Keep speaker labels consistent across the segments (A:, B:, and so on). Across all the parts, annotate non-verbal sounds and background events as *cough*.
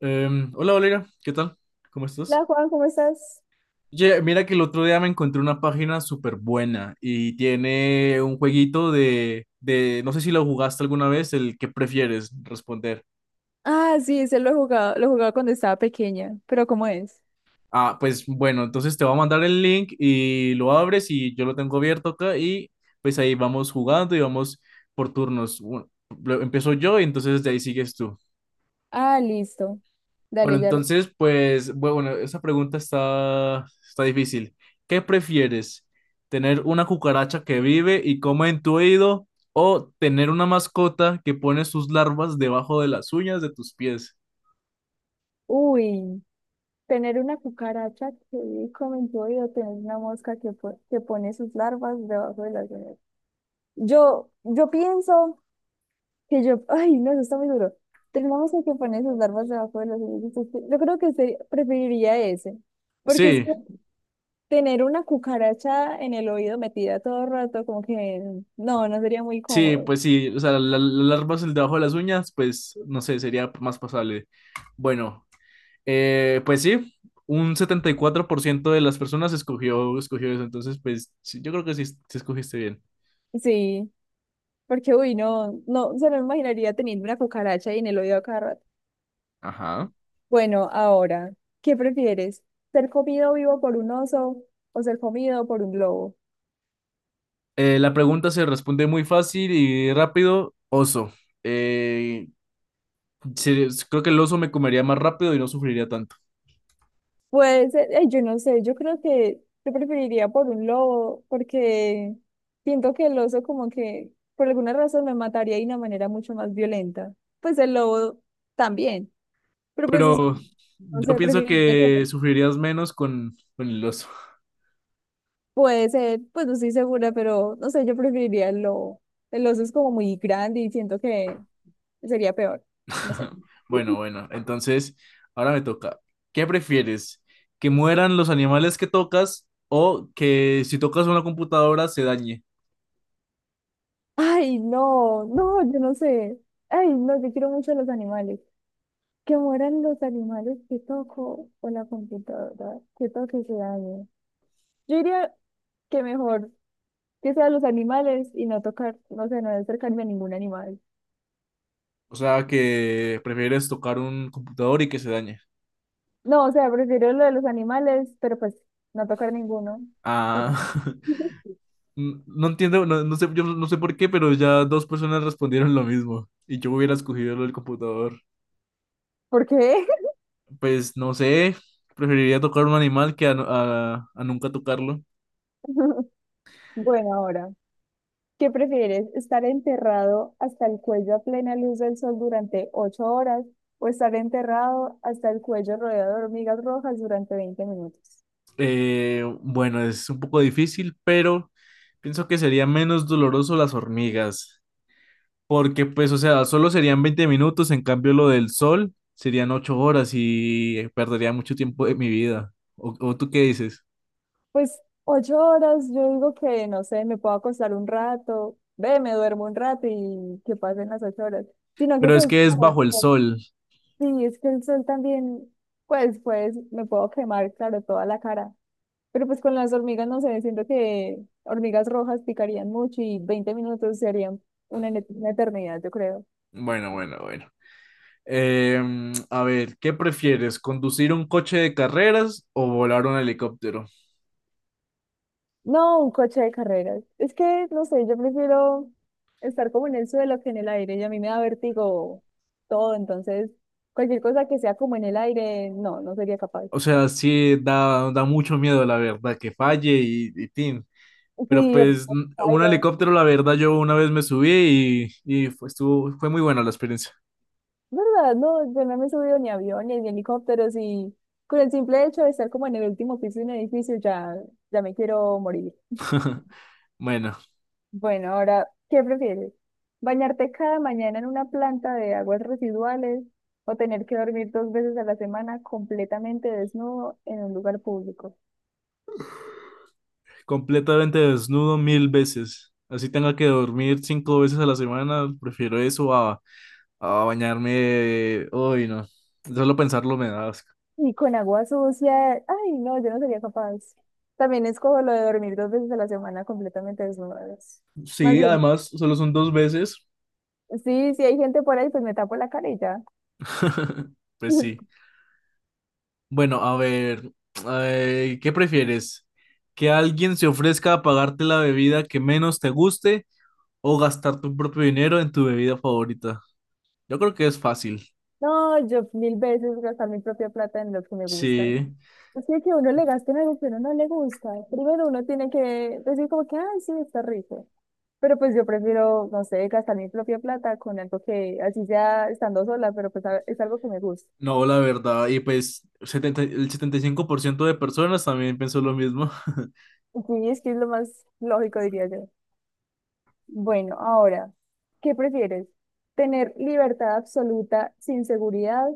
A: Hola Valeria, ¿qué tal? ¿Cómo estás?
B: Hola Juan, ¿cómo estás?
A: Oye, mira que el otro día me encontré una página súper buena y tiene un jueguito de, no sé si lo jugaste alguna vez, el que prefieres responder.
B: Ah, sí, ese lo he jugado, lo jugaba cuando estaba pequeña, pero ¿cómo es?
A: Ah, pues bueno, entonces te voy a mandar el link y lo abres y yo lo tengo abierto acá y pues ahí vamos jugando y vamos por turnos. Bueno, empiezo yo y entonces de ahí sigues tú.
B: Ah, listo.
A: Bueno,
B: Dale, ya.
A: entonces, pues, bueno, esa pregunta está difícil. ¿Qué prefieres? ¿Tener una cucaracha que vive y come en tu oído o tener una mascota que pone sus larvas debajo de las uñas de tus pies?
B: Uy, tener una cucaracha que come en tu oído, tener una mosca que, que pone sus larvas debajo de las uñas. Yo pienso que yo, ay, no, eso está muy duro. Tener una mosca que pone sus larvas debajo de las uñas. Yo creo que preferiría ese, porque es que
A: Sí,
B: tener una cucaracha en el oído metida todo el rato, como que no, no sería muy
A: sí,
B: cómodo.
A: pues sí, o sea, las larvas el debajo de las uñas, pues, no sé, sería más pasable. Bueno, pues sí, un 74% de las personas escogió eso, entonces, pues, sí, yo creo que sí, sí escogiste bien.
B: Sí, porque uy, no, no, se me imaginaría teniendo una cucaracha ahí en el oído a cada rato.
A: Ajá.
B: Bueno, ahora, ¿qué prefieres? ¿Ser comido vivo por un oso o ser comido por un lobo?
A: La pregunta se responde muy fácil y rápido. Oso. Eh, Creo que el oso me comería más rápido y no sufriría tanto.
B: Pues, ay, yo no sé, yo creo que yo preferiría por un lobo, porque siento que el oso como que por alguna razón me mataría de una manera mucho más violenta. Pues el lobo también, pero pues es,
A: Pero
B: no
A: yo
B: sé,
A: pienso
B: preferiría que
A: que sufrirías menos con el oso.
B: puede ser, pues no estoy segura, pero no sé, yo preferiría el lobo. El oso es como muy grande y siento que sería peor. No sé.
A: *laughs* Bueno,
B: *laughs*
A: bueno. Entonces, ahora me toca. ¿Qué prefieres? ¿Que mueran los animales que tocas o que si tocas una computadora se dañe?
B: Ay, no, no, yo no sé. Ay, no, yo quiero mucho a los animales. Que mueran los animales que toco o la computadora que toque se dañe. Yo diría que mejor que sean los animales y no tocar, no sé, no acercarme a ningún animal.
A: O sea, que prefieres tocar un computador y que se dañe.
B: No, o sea, prefiero lo de los animales, pero pues no tocar ninguno. ¿Por
A: Ah. *laughs*
B: *laughs*
A: No entiendo, no, no sé, yo no sé por qué, pero ya dos personas respondieron lo mismo y yo hubiera escogido lo del computador.
B: ¿por qué?
A: Pues no sé, preferiría tocar un animal que a, a nunca tocarlo.
B: *laughs* Bueno, ahora, ¿qué prefieres? ¿Estar enterrado hasta el cuello a plena luz del sol durante 8 horas o estar enterrado hasta el cuello rodeado de hormigas rojas durante 20 minutos?
A: Bueno, es un poco difícil, pero pienso que sería menos doloroso las hormigas, porque pues, o sea, solo serían 20 minutos, en cambio lo del sol serían 8 horas y perdería mucho tiempo de mi vida. O tú qué dices?
B: Pues ocho horas, yo digo que, no sé, me puedo acostar un rato, ve, me duermo un rato y que pasen las 8 horas. Sino que
A: Pero es
B: pues,
A: que es bajo el sol.
B: sí, es que el sol también, pues, pues, me puedo quemar, claro, toda la cara. Pero pues con las hormigas, no sé, siento que hormigas rojas picarían mucho y 20 minutos serían una, una eternidad, yo creo.
A: Bueno, bueno, bueno. A ver, ¿qué prefieres? ¿Conducir un coche de carreras o volar un helicóptero?
B: No, un coche de carreras. Es que, no sé, yo prefiero estar como en el suelo que en el aire y a mí me da vértigo todo, entonces cualquier cosa que sea como en el aire, no, no sería capaz.
A: O sea, sí da, da mucho miedo, la verdad, que falle y tin. Pero
B: Sí, de
A: pues
B: pronto
A: un
B: caiga.
A: helicóptero, la verdad, yo una vez me subí y fue, fue muy buena la experiencia.
B: ¿Verdad? No, yo no me he subido ni a aviones ni a helicópteros y con el simple hecho de estar como en el último piso de un edificio ya, ya me quiero morir.
A: *laughs* Bueno,
B: Bueno, ahora, ¿qué prefieres? ¿Bañarte cada mañana en una planta de aguas residuales o tener que dormir dos veces a la semana completamente desnudo en un lugar público
A: completamente desnudo mil veces. Así tenga que dormir cinco veces a la semana, prefiero eso a bañarme. Uy, no. Solo pensarlo me da asco.
B: y con agua sucia? Ay, no, yo no sería capaz. También escojo lo de dormir dos veces a la semana completamente desnudo. Más
A: Sí,
B: bien,
A: además, solo son dos veces.
B: sí, si hay gente por ahí, pues me tapo la cara y ya.
A: *laughs* Pues
B: *laughs*
A: sí. Bueno, a ver, ay, ¿qué prefieres? ¿Que alguien se ofrezca a pagarte la bebida que menos te guste o gastar tu propio dinero en tu bebida favorita? Yo creo que es fácil.
B: No, yo mil veces gastar mi propia plata en lo que me gusta.
A: Sí,
B: Es que uno le gaste en algo que uno no le gusta. Primero uno tiene que decir como que, ay, sí, está rico. Pero pues yo prefiero, no sé, gastar mi propia plata con algo que, así sea estando sola, pero pues es algo que me gusta.
A: no, la verdad. Y pues 70 el 75% de personas también pensó lo mismo. *laughs*
B: Sí, es que es lo más lógico, diría yo. Bueno, ahora, ¿qué prefieres? ¿Tener libertad absoluta sin seguridad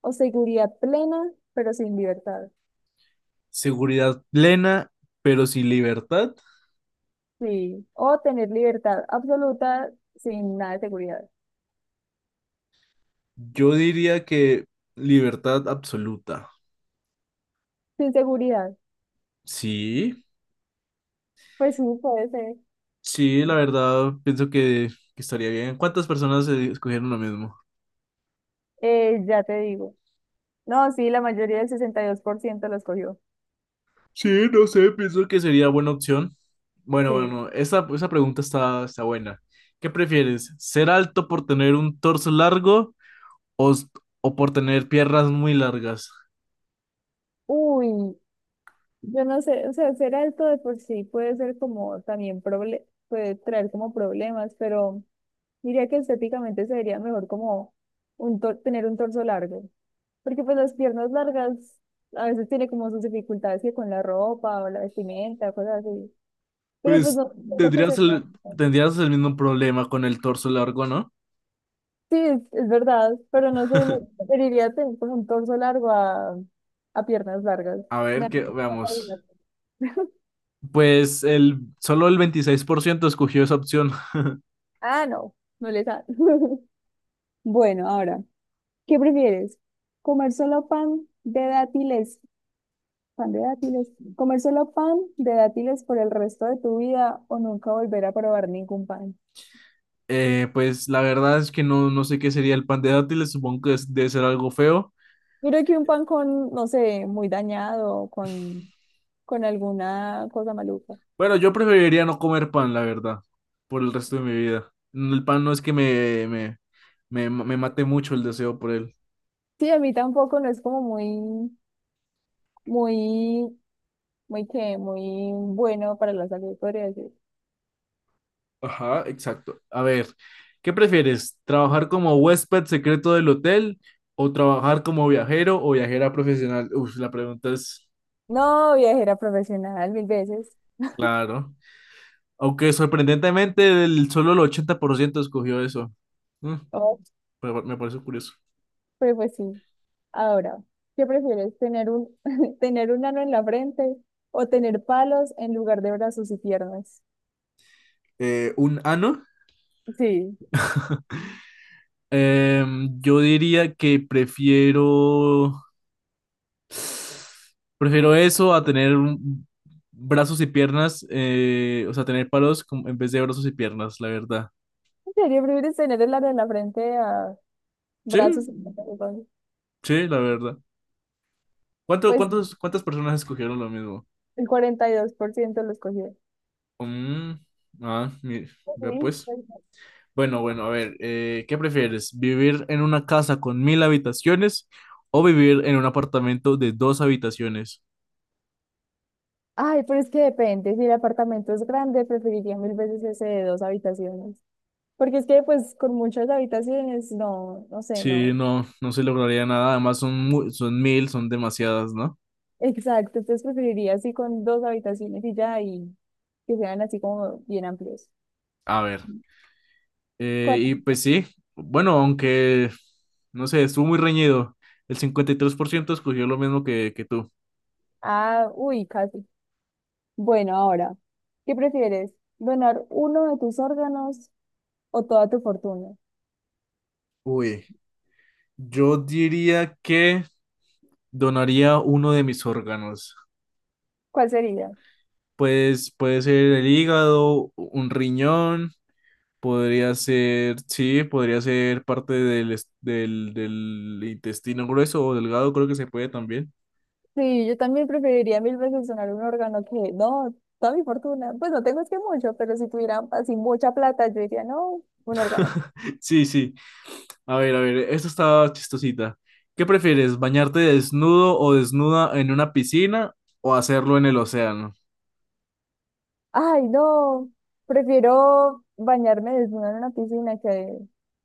B: o seguridad plena, pero sin libertad?
A: Seguridad plena, pero sin libertad.
B: Sí, o tener libertad absoluta sin nada de seguridad.
A: Yo diría que libertad absoluta.
B: Sin seguridad,
A: Sí,
B: pues sí, puede ser.
A: sí, la verdad, pienso que estaría bien. ¿Cuántas personas escogieron lo mismo?
B: Ya te digo. No, sí, la mayoría del 62% lo escogió.
A: Sí, no sé, pienso que sería buena opción. Bueno,
B: Sí.
A: bueno, esa pregunta está buena. ¿Qué prefieres? ¿Ser alto por tener un torso largo o, o por tener piernas muy largas?
B: Uy, yo no sé, o sea, ser alto de por sí puede ser como también proble puede traer como problemas, pero diría que estéticamente sería mejor como tener un torso largo, porque pues las piernas largas a veces tiene como sus dificultades que con la ropa o la vestimenta, cosas así. Pero pues
A: Pues
B: no, no creo que
A: tendrías
B: se
A: el, tendrías el mismo problema con el torso largo, ¿no?
B: sí, es verdad, pero no sé,
A: *laughs*
B: preferiría tener pues, un torso largo a piernas largas.
A: A ver,
B: Da
A: que
B: mucha cabida.
A: veamos.
B: *laughs*
A: Pues el, solo el 26% escogió esa opción.
B: Ah, no, no les da. *laughs* Bueno, ahora, ¿qué prefieres? ¿Comer solo pan de dátiles? ¿Pan de dátiles? ¿Comer solo pan de dátiles por el resto de tu vida o nunca volver a probar ningún pan?
A: Pues la verdad es que no, no sé qué sería el pan de dátiles, supongo que debe ser algo feo.
B: Mira que un pan con, no sé, muy dañado, con alguna cosa maluca.
A: Bueno, yo preferiría no comer pan, la verdad, por el resto de mi vida. Mm, el pan no es que me mate mucho el deseo por él.
B: Sí, a mí tampoco no es como muy, muy, muy que, muy bueno para la salud, podría decir.
A: Ajá, exacto. A ver, ¿qué prefieres? ¿Trabajar como huésped secreto del hotel o trabajar como viajero o viajera profesional? Uf, la pregunta es,
B: No, viajera profesional, mil veces.
A: claro. Aunque sorprendentemente el, solo el 80% escogió eso. Mm,
B: Oh.
A: pero me parece curioso.
B: Pero pues sí. Ahora, ¿qué prefieres? ¿Tener un, *laughs* tener un ano en la frente o tener palos en lugar de brazos y piernas?
A: Un ano.
B: Sí.
A: Yo diría que prefiero, prefiero eso a tener brazos y piernas, o sea, tener palos en vez de brazos y piernas, la verdad.
B: ¿En serio prefieres tener el ano en la frente a
A: Sí,
B: brazos y piernas?
A: sí, la verdad. ¿Cuánto,
B: Pues
A: cuántas personas escogieron lo mismo?
B: el 42% lo escogió.
A: Mm, ah,
B: Ok,
A: vea pues.
B: pues,
A: Bueno, bueno, a ver, ¿qué prefieres? ¿Vivir en una casa con mil habitaciones o vivir en un apartamento de dos habitaciones?
B: ay, pero es que depende. Si el apartamento es grande, preferiría mil veces ese de dos habitaciones. Porque es que, pues, con muchas habitaciones, no, no sé,
A: Sí,
B: no.
A: no, no se lograría nada. Además, son, son mil, son demasiadas, ¿no?
B: *laughs* Exacto, entonces preferiría así con dos habitaciones y ya, y que sean así como bien amplios.
A: A ver,
B: ¿Cuánto?
A: y pues sí, bueno, aunque, no sé, estuvo muy reñido. El 53% escogió lo mismo que tú.
B: Ah, uy, casi. Bueno, ahora, ¿qué prefieres? ¿Donar uno de tus órganos o toda tu fortuna?
A: Uy, yo diría que donaría uno de mis órganos.
B: ¿Cuál sería?
A: Pues puede ser el hígado, un riñón, podría ser, sí, podría ser parte del, del intestino grueso o delgado, creo que se puede también.
B: Sí, yo también preferiría mil veces donar un órgano que, no, toda mi fortuna. Pues no tengo es que mucho, pero si tuviera así mucha plata, yo diría, no, un órgano.
A: *laughs* Sí, sí. A ver, esto está chistosita. ¿Qué prefieres, bañarte desnudo o desnuda en una piscina o hacerlo en el océano?
B: Ay, no, prefiero bañarme desnuda en una piscina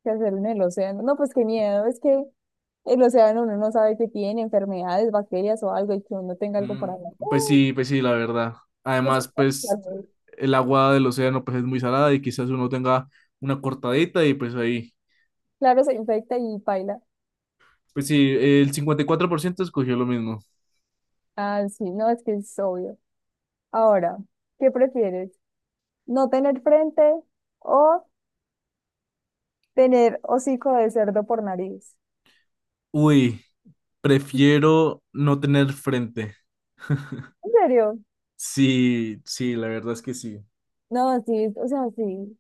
B: que hacerlo en el océano. No, pues qué miedo, es que el océano uno no sabe que tiene enfermedades, bacterias o algo y que uno tenga algo por
A: Mm,
B: ahí.
A: pues
B: No,
A: sí, pues sí, la verdad.
B: es que-
A: Además, pues
B: claro,
A: el agua del océano pues es muy salada y quizás uno tenga una cortadita y pues ahí.
B: claro, se infecta y paila.
A: Pues sí, el 54% escogió lo mismo.
B: Ah, sí, no, es que es obvio. Ahora, ¿qué prefieres? ¿No tener frente o tener hocico de cerdo por nariz?
A: Uy, prefiero no tener frente.
B: ¿En
A: *laughs*
B: serio?
A: Sí, sí, la verdad es que sí.
B: No, sí, o sea, sí.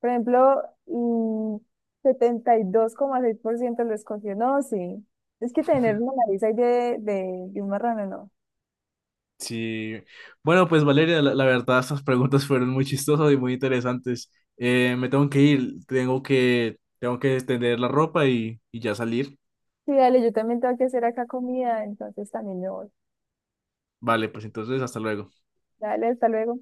B: Por ejemplo, mm, 72,6% lo escogió. No, sí. Es que tener una nariz ahí de un marrano, no.
A: Sí, bueno, pues Valeria, la verdad, estas preguntas fueron muy chistosas y muy interesantes. Me tengo que ir, tengo que extender la ropa y ya salir.
B: Sí, dale, yo también tengo que hacer acá comida, entonces también me voy.
A: Vale, pues entonces, hasta luego.
B: Dale, hasta luego.